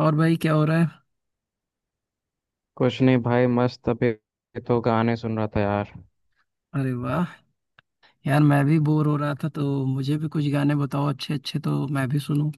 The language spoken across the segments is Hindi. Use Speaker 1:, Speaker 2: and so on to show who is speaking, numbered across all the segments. Speaker 1: और भाई, क्या हो रहा है?
Speaker 2: कुछ नहीं भाई, मस्त अभी तो गाने सुन रहा था यार।
Speaker 1: अरे वाह! यार, मैं भी बोर हो रहा था तो मुझे भी कुछ गाने बताओ अच्छे अच्छे तो मैं भी सुनूं।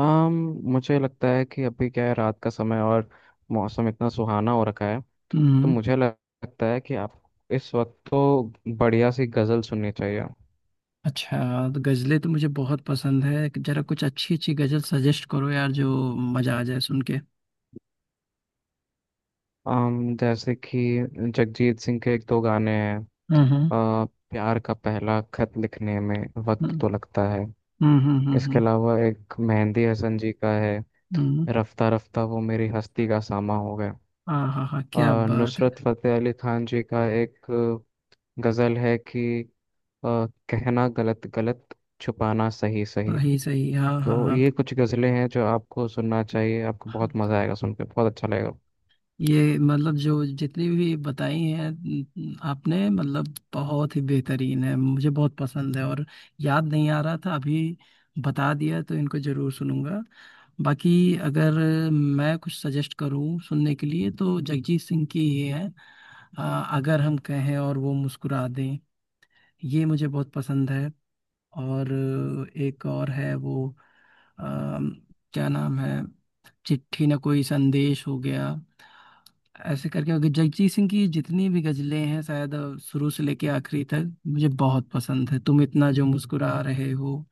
Speaker 2: आम मुझे लगता है कि अभी क्या है, रात का समय और मौसम इतना सुहाना हो रखा है, तो
Speaker 1: हम्म।
Speaker 2: मुझे लगता है कि आप इस वक्त तो बढ़िया सी गजल सुननी चाहिए।
Speaker 1: अच्छा। तो गजलें तो मुझे बहुत पसंद है, जरा कुछ अच्छी अच्छी गजल सजेस्ट करो यार जो मजा आ जाए सुन के।
Speaker 2: आम जैसे कि जगजीत सिंह के एक दो गाने हैं।
Speaker 1: हम्म, हम्म,
Speaker 2: आ, प्यार का पहला खत लिखने में वक्त तो लगता है।
Speaker 1: हम्म, हम्म। हम्म,
Speaker 2: इसके
Speaker 1: हम्म।
Speaker 2: अलावा एक मेहंदी हसन जी का है,
Speaker 1: हम्म।
Speaker 2: रफ्ता रफ्ता वो मेरी हस्ती का सामा हो गए।
Speaker 1: हाँ हाँ हाँ,
Speaker 2: अ,
Speaker 1: क्या बात है।
Speaker 2: नुसरत फतेह अली खान जी का एक गज़ल है कि अ, कहना गलत गलत, छुपाना सही सही।
Speaker 1: सही सही, हाँ
Speaker 2: तो
Speaker 1: हाँ।
Speaker 2: ये कुछ गज़लें हैं जो आपको सुनना चाहिए, आपको
Speaker 1: हाँ।
Speaker 2: बहुत मज़ा आएगा सुन के, बहुत अच्छा लगेगा।
Speaker 1: ये, मतलब जो जितनी भी बताई हैं आपने, मतलब बहुत ही बेहतरीन है, मुझे बहुत पसंद है। और याद नहीं आ रहा था अभी, बता दिया तो इनको जरूर सुनूंगा। बाकी अगर मैं कुछ सजेस्ट करूं सुनने के लिए तो जगजीत सिंह की ही है। अ, अगर हम कहें और वो मुस्कुरा दें, ये मुझे बहुत पसंद है। और एक और है वो, अम, क्या नाम है, चिट्ठी ना कोई संदेश हो गया। ऐसे करके अगर जगजीत सिंह की जितनी भी गजलें हैं शायद शुरू से लेके आखिरी तक मुझे बहुत पसंद है। तुम इतना जो मुस्कुरा रहे हो,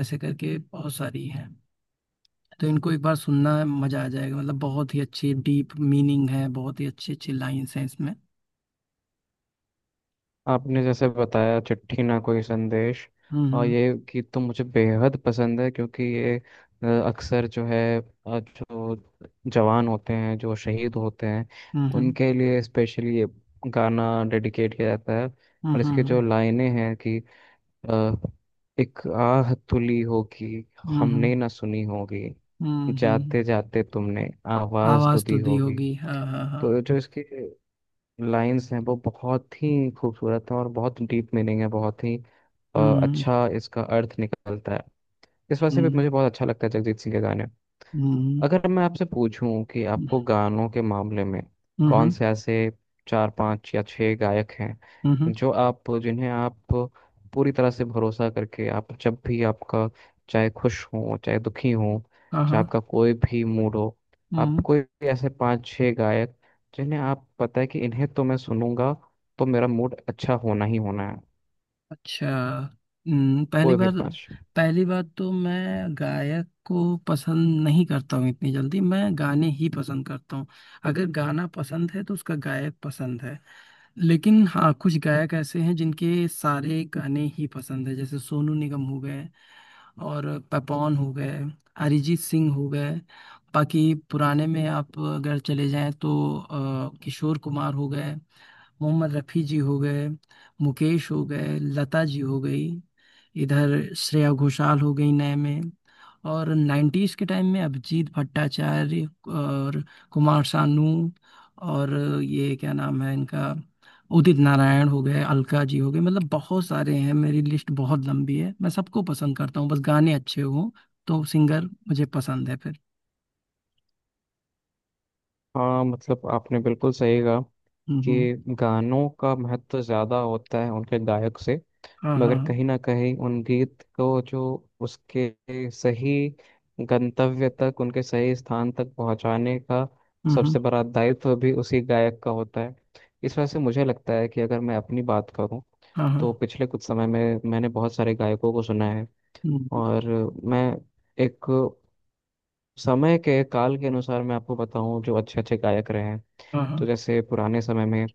Speaker 1: ऐसे करके बहुत सारी हैं। तो इनको एक बार सुनना, मजा आ जाएगा, मतलब बहुत ही अच्छी डीप मीनिंग है, बहुत ही अच्छी अच्छी लाइन्स हैं इसमें।
Speaker 2: आपने जैसे बताया चिट्ठी ना कोई संदेश, और
Speaker 1: हम्म,
Speaker 2: ये गीत तो मुझे बेहद पसंद है क्योंकि ये अक्सर जो है जो जवान होते हैं जो शहीद होते हैं,
Speaker 1: हम्म, हम्म,
Speaker 2: उनके लिए स्पेशली ये गाना डेडिकेट किया जाता है।
Speaker 1: हम्म,
Speaker 2: और इसकी जो
Speaker 1: हम्म,
Speaker 2: लाइनें हैं कि अ, एक आह तुली होगी,
Speaker 1: हम्म,
Speaker 2: हमने
Speaker 1: हम्म,
Speaker 2: ना सुनी होगी,
Speaker 1: हम्म, हम्म।
Speaker 2: जाते जाते तुमने आवाज तो
Speaker 1: आवाज तो
Speaker 2: दी
Speaker 1: दी
Speaker 2: होगी।
Speaker 1: होगी, हाँ हाँ हाँ।
Speaker 2: तो जो इसके लाइंस हैं वो बहुत ही खूबसूरत हैं, और बहुत डीप मीनिंग है, बहुत ही
Speaker 1: हम्म,
Speaker 2: अच्छा इसका अर्थ निकलता है। इस वजह से भी
Speaker 1: हम्म,
Speaker 2: मुझे बहुत अच्छा लगता है जगजीत सिंह के गाने।
Speaker 1: हम्म,
Speaker 2: अगर मैं आपसे पूछूं कि आपको गानों के मामले में
Speaker 1: हम्म,
Speaker 2: कौन
Speaker 1: हम्म,
Speaker 2: से ऐसे चार पांच या छह गायक हैं
Speaker 1: हम्म। हम्म।
Speaker 2: जो आप, जिन्हें आप पूरी तरह से भरोसा करके, आप जब भी आपका, चाहे खुश हो चाहे दुखी हो,
Speaker 1: हाँ हाँ।
Speaker 2: चाहे आपका कोई भी मूड हो, आप
Speaker 1: हम्म।
Speaker 2: कोई भी ऐसे पांच छह गायक जिन्हें आप पता है कि इन्हें तो मैं सुनूंगा तो मेरा मूड अच्छा होना ही होना है।
Speaker 1: अच्छा। हम्म, पहली
Speaker 2: कोई भी
Speaker 1: बार।
Speaker 2: पांच।
Speaker 1: पहली बात तो, मैं गायक को पसंद नहीं करता हूँ इतनी जल्दी, मैं गाने ही पसंद करता हूँ। अगर गाना पसंद है तो उसका गायक पसंद है। लेकिन हाँ, कुछ गायक ऐसे हैं जिनके सारे गाने ही पसंद है, जैसे सोनू निगम हो गए, और पपॉन हो गए, अरिजीत सिंह हो गए। बाकी पुराने में आप अगर चले जाएं तो किशोर कुमार हो गए, मोहम्मद रफ़ी जी हो गए, मुकेश हो गए, लता जी हो गई। इधर श्रेया घोषाल हो गई नए में, और 90s के टाइम में अभिजीत भट्टाचार्य, और कुमार सानू, और ये क्या नाम है इनका, उदित नारायण हो गए, अलका जी हो गए। मतलब बहुत सारे हैं, मेरी लिस्ट बहुत लंबी है, मैं सबको पसंद करता हूँ बस गाने अच्छे हों, तो सिंगर मुझे पसंद है फिर।
Speaker 2: हाँ, मतलब आपने बिल्कुल सही कहा
Speaker 1: हम्म।
Speaker 2: कि गानों का महत्व ज़्यादा होता है उनके गायक से,
Speaker 1: हाँ हाँ
Speaker 2: मगर
Speaker 1: हाँ।
Speaker 2: कहीं ना कहीं उन गीत को जो उसके सही गंतव्य तक, उनके सही स्थान तक पहुंचाने का
Speaker 1: हम्म,
Speaker 2: सबसे बड़ा दायित्व भी उसी गायक का होता है। इस वजह से मुझे लगता है कि अगर मैं अपनी बात करूं,
Speaker 1: हाँ हाँ।
Speaker 2: तो पिछले कुछ समय में मैंने बहुत सारे गायकों को सुना है,
Speaker 1: हम्म,
Speaker 2: और मैं एक समय के काल के अनुसार मैं आपको बताऊं जो अच्छे अच्छे गायक रहे हैं।
Speaker 1: हाँ
Speaker 2: तो
Speaker 1: हाँ।
Speaker 2: जैसे पुराने समय में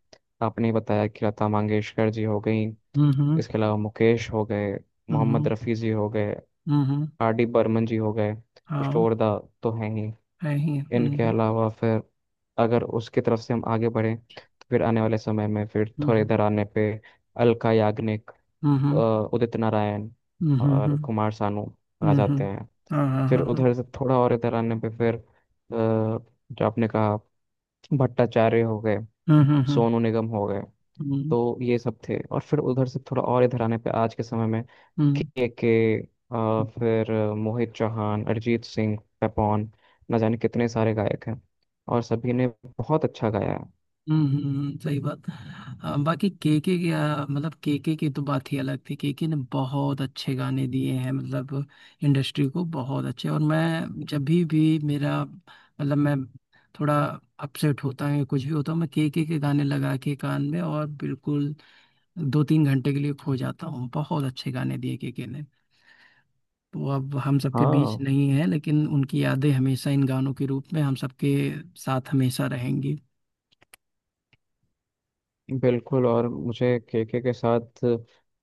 Speaker 2: आपने बताया कि लता मंगेशकर जी हो गई,
Speaker 1: हम्म, हम्म,
Speaker 2: इसके अलावा मुकेश हो गए, मोहम्मद
Speaker 1: हम्म,
Speaker 2: रफ़ी जी हो गए,
Speaker 1: हम्म, हम्म।
Speaker 2: आरडी बर्मन जी हो गए,
Speaker 1: हाँ।
Speaker 2: किशोर दा तो हैं ही।
Speaker 1: है ही।
Speaker 2: इनके
Speaker 1: हम्म,
Speaker 2: अलावा फिर अगर उसकी तरफ से हम आगे बढ़ें तो फिर आने वाले समय में, फिर थोड़े
Speaker 1: हम्म,
Speaker 2: इधर आने पे अलका याग्निक,
Speaker 1: हम्म, हम्म,
Speaker 2: अ,
Speaker 1: हम्म,
Speaker 2: उदित नारायण और
Speaker 1: हम्म।
Speaker 2: कुमार सानू आ
Speaker 1: हुँ, हुँ।
Speaker 2: जाते हैं।
Speaker 1: हाँ, हाँ,
Speaker 2: फिर
Speaker 1: हाँ, हाँ।
Speaker 2: उधर से थोड़ा और इधर आने पे फिर जो आपने कहा, भट्टाचार्य हो गए,
Speaker 1: हुँ, हुँ, हुँ।
Speaker 2: सोनू निगम हो गए।
Speaker 1: हुँ,
Speaker 2: तो ये सब थे। और फिर उधर से थोड़ा और इधर आने पे आज के समय में के, फिर मोहित चौहान, अरिजीत सिंह, पेपॉन, न जाने कितने सारे गायक हैं और सभी ने बहुत अच्छा गाया है।
Speaker 1: हुँ, हुँ, हुँ, सही बात। बाकी केके की, मतलब केके की तो बात ही अलग थी। केके ने बहुत अच्छे गाने दिए हैं, मतलब इंडस्ट्री को बहुत अच्छे। और मैं जब भी मेरा, मतलब मैं थोड़ा अपसेट होता हूँ या कुछ भी होता हूँ, मैं केके के गाने लगा के कान में और बिल्कुल 2-3 घंटे के लिए खो जाता हूँ। बहुत अच्छे गाने दिए केके ने। वो अब हम सबके बीच
Speaker 2: हाँ,
Speaker 1: नहीं है, लेकिन उनकी यादें हमेशा इन गानों के रूप में हम सबके साथ हमेशा रहेंगी।
Speaker 2: बिल्कुल। और मुझे केके के साथ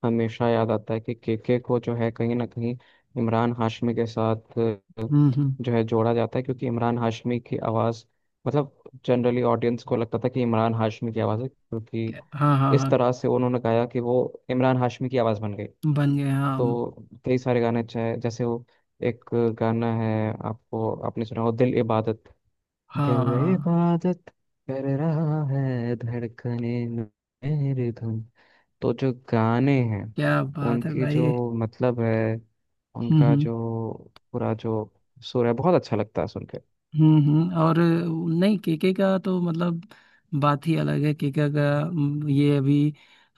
Speaker 2: हमेशा याद आता है कि केके को जो है कहीं ना कहीं इमरान हाशमी के साथ
Speaker 1: हम्म, हम्म।
Speaker 2: जो है जोड़ा जाता है, क्योंकि इमरान हाशमी की आवाज़, मतलब जनरली ऑडियंस को लगता था कि इमरान हाशमी की आवाज़ है, क्योंकि
Speaker 1: हाँ हाँ
Speaker 2: इस
Speaker 1: हाँ।
Speaker 2: तरह से उन्होंने गाया कि वो इमरान हाशमी की आवाज़ बन गई।
Speaker 1: बन गए, हाँ
Speaker 2: तो कई सारे गाने अच्छे हैं, जैसे वो एक गाना है, आपको आपने सुना हो दिल इबादत,
Speaker 1: हाँ हाँ
Speaker 2: दिल
Speaker 1: हाँ,
Speaker 2: इबादत कर रहा है धड़कने मेरे धुन। तो जो गाने हैं
Speaker 1: क्या बात है
Speaker 2: उनकी जो
Speaker 1: भाई।
Speaker 2: मतलब है,
Speaker 1: हम्म,
Speaker 2: उनका
Speaker 1: हम्म,
Speaker 2: जो पूरा जो सुर है, बहुत अच्छा लगता है सुन के।
Speaker 1: हम्म, हम्म। और नहीं, केके का तो मतलब बात ही अलग है केके का। ये अभी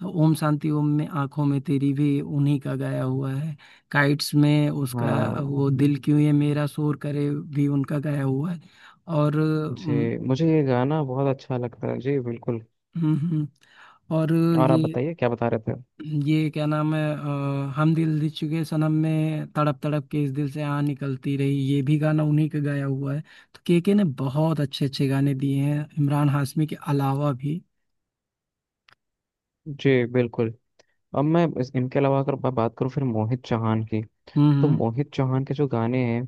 Speaker 1: ओम शांति ओम में आंखों में तेरी भी उन्हीं का गाया हुआ है। काइट्स में उसका
Speaker 2: हाँ,
Speaker 1: वो दिल क्यों ये मेरा शोर करे भी उनका गाया हुआ है। और
Speaker 2: जी मुझे ये गाना बहुत अच्छा लगता है जी, बिल्कुल।
Speaker 1: हम्म, और
Speaker 2: और आप
Speaker 1: ये
Speaker 2: बताइए क्या बता रहे थे।
Speaker 1: ये क्या नाम है, हम दिल दे चुके सनम में तड़प तड़प के इस दिल से आ निकलती रही, ये भी गाना उन्हीं का गाया हुआ है। तो केके ने बहुत अच्छे अच्छे गाने दिए हैं इमरान हाशमी के अलावा भी।
Speaker 2: जी बिल्कुल। अब मैं इनके अलावा अगर मैं बात करूँ फिर मोहित चौहान की, तो
Speaker 1: हम्म,
Speaker 2: मोहित चौहान के जो गाने हैं,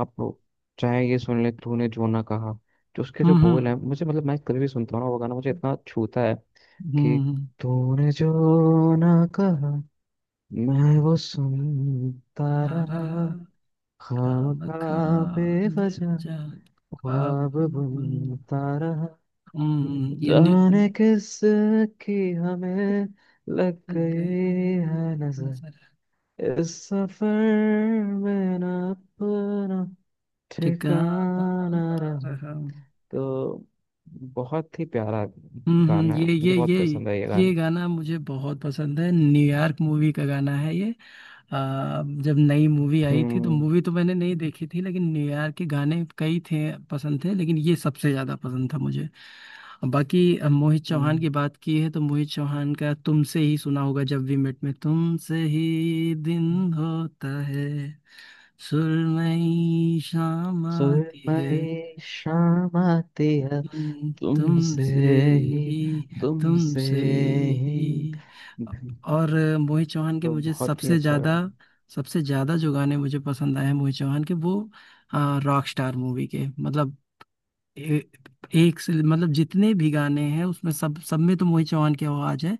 Speaker 2: आप चाहे ये सुन ले, तूने जो ना कहा, जो उसके जो
Speaker 1: हम्म,
Speaker 2: बोल
Speaker 1: हम्म,
Speaker 2: हैं मुझे, मतलब मैं कभी भी सुनता हूँ ना वो गाना, मुझे इतना छूता है कि
Speaker 1: हम्म,
Speaker 2: तूने जो ना कहा, मैं वो सुनता
Speaker 1: आ
Speaker 2: रहा,
Speaker 1: रहा,
Speaker 2: खाम
Speaker 1: खाम
Speaker 2: खा
Speaker 1: खाम दिल
Speaker 2: बेवजह
Speaker 1: जा, ख्वाब
Speaker 2: ख्वाब
Speaker 1: बुन।
Speaker 2: बुनता रहा,
Speaker 1: हम्म, ये
Speaker 2: जाने किस की हमें लग
Speaker 1: लग
Speaker 2: गई
Speaker 1: गई
Speaker 2: है
Speaker 1: नजर,
Speaker 2: नजर, इस सफर में ना अपना
Speaker 1: ठिकाना
Speaker 2: ठिकाना रहा।
Speaker 1: रहा।
Speaker 2: तो बहुत ही प्यारा
Speaker 1: हम्म,
Speaker 2: गाना है,
Speaker 1: ये
Speaker 2: मुझे
Speaker 1: ये
Speaker 2: बहुत
Speaker 1: ये
Speaker 2: पसंद है ये
Speaker 1: ये
Speaker 2: गाना।
Speaker 1: गाना मुझे बहुत पसंद है, न्यूयॉर्क मूवी का गाना है ये। जब नई मूवी आई थी तो
Speaker 2: हम्म।
Speaker 1: मूवी तो मैंने नहीं देखी थी, लेकिन न्यूयॉर्क के गाने कई थे, पसंद थे, लेकिन ये सबसे ज़्यादा पसंद था मुझे। बाकी मोहित चौहान की
Speaker 2: हम्म,
Speaker 1: बात की है तो मोहित चौहान का तुमसे ही सुना होगा, जब वी मेट में, तुमसे ही
Speaker 2: हम्म।
Speaker 1: दिन होता है, सुरमई शाम आती है,
Speaker 2: सुरमई शाम आती है,
Speaker 1: तुम
Speaker 2: तुमसे
Speaker 1: तुमसे
Speaker 2: ही,
Speaker 1: ही
Speaker 2: तुमसे
Speaker 1: तुमसे
Speaker 2: ही।
Speaker 1: ही। और मोहित चौहान के
Speaker 2: तो
Speaker 1: मुझे
Speaker 2: बहुत ही
Speaker 1: सबसे
Speaker 2: अच्छा
Speaker 1: ज्यादा,
Speaker 2: गाना है।
Speaker 1: सबसे ज्यादा जो गाने मुझे पसंद आए हैं मोहित चौहान के, वो रॉक स्टार मूवी के, मतलब ए, एक से मतलब जितने भी गाने हैं उसमें सब सब में तो मोहित चौहान की आवाज है।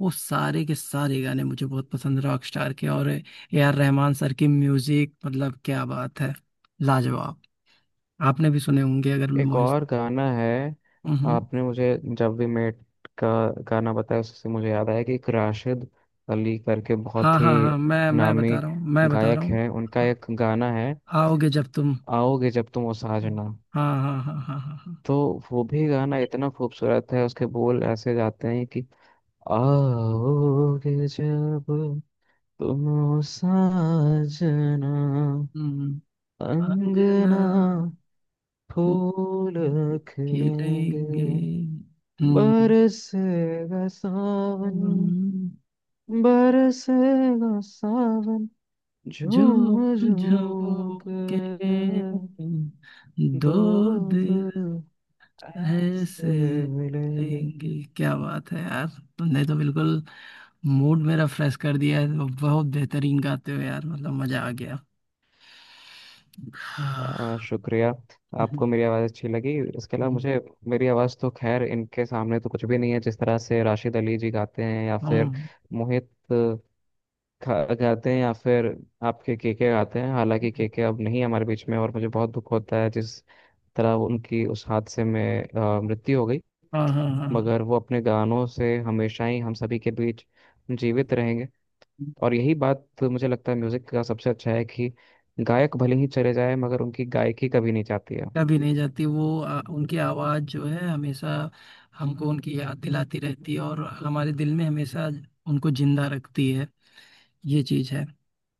Speaker 1: वो सारे के सारे गाने मुझे बहुत पसंद है रॉक स्टार के, और ए आर रहमान सर की म्यूजिक, मतलब क्या बात है, लाजवाब। आपने भी सुने होंगे अगर
Speaker 2: एक
Speaker 1: मोहित।
Speaker 2: और गाना है,
Speaker 1: हम्म।
Speaker 2: आपने मुझे जब वी मेट का गाना बताया, उससे मुझे याद आया कि एक राशिद अली करके
Speaker 1: हाँ
Speaker 2: बहुत
Speaker 1: हाँ
Speaker 2: ही
Speaker 1: हाँ, मैं
Speaker 2: नामी
Speaker 1: बता रहा हूँ, मैं बता रहा
Speaker 2: गायक
Speaker 1: हूँ।
Speaker 2: हैं, उनका एक गाना है
Speaker 1: आओगे जब तुम।
Speaker 2: आओगे जब तुम ओ साजना।
Speaker 1: हाँ हाँ हाँ हाँ हाँ हाँ।
Speaker 2: तो वो भी गाना इतना खूबसूरत है, उसके बोल ऐसे जाते हैं कि आओगे जब तुम ओ साजना,
Speaker 1: हम्म। अंगना।
Speaker 2: अंगना
Speaker 1: फूल।
Speaker 2: फूल खिलेंगे,
Speaker 1: खिलेंगे। हम्म।
Speaker 2: बरसेगा सावन,
Speaker 1: हम।
Speaker 2: बरसेगा सावन झूम
Speaker 1: झूम
Speaker 2: झूम
Speaker 1: झूम के,
Speaker 2: कर, दो
Speaker 1: दो दिल
Speaker 2: दिल
Speaker 1: ऐसे
Speaker 2: ऐसे मिलेंगे।
Speaker 1: लेंगे। क्या बात है यार, तुमने तो बिल्कुल मूड मेरा फ्रेश कर दिया है, बहुत बेहतरीन गाते हो यार, मतलब मजा आ गया। हाँ।
Speaker 2: शुक्रिया,
Speaker 1: हम्म,
Speaker 2: आपको मेरी आवाज़ अच्छी लगी। इसके अलावा
Speaker 1: हम्म।
Speaker 2: मुझे, मेरी आवाज़ तो खैर इनके सामने तो कुछ भी नहीं है, जिस तरह से राशिद अली जी गाते हैं, या फिर
Speaker 1: हाँ,
Speaker 2: मोहित गाते हैं, या फिर आपके केके गाते हैं। हालांकि केके अब नहीं है हमारे बीच में, और मुझे बहुत दुख होता है जिस तरह उनकी उस हादसे में मृत्यु हो गई।
Speaker 1: हाँ, हाँ, हाँ हाँ।
Speaker 2: मगर वो अपने गानों से हमेशा ही हम सभी के बीच जीवित रहेंगे। और यही बात मुझे लगता है म्यूजिक का सबसे अच्छा है कि गायक भले ही चले जाए, मगर उनकी गायकी कभी नहीं जाती है।
Speaker 1: कभी नहीं जाती वो। उनकी आवाज़ जो है हमेशा हमको उनकी याद दिलाती रहती है, और हमारे दिल में हमेशा उनको जिंदा रखती है, ये चीज़ है।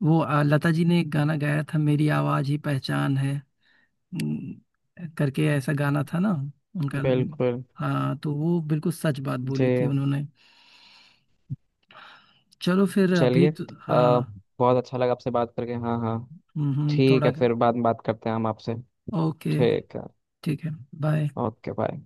Speaker 1: वो लता जी ने एक गाना गाया था, मेरी आवाज़ ही पहचान है, करके ऐसा गाना था ना उनका।
Speaker 2: बिल्कुल।
Speaker 1: हाँ, तो वो बिल्कुल सच बात
Speaker 2: जी।
Speaker 1: बोली थी उन्होंने। चलो, फिर अभी
Speaker 2: चलिए,
Speaker 1: तो हाँ।
Speaker 2: बहुत अच्छा लगा आपसे बात करके। हाँ हाँ। ठीक है,
Speaker 1: थोड़ा।
Speaker 2: फिर बाद में बात करते हैं हम आपसे।
Speaker 1: ओके।
Speaker 2: ठीक है।
Speaker 1: ठीक है। बाय।
Speaker 2: Okay bye.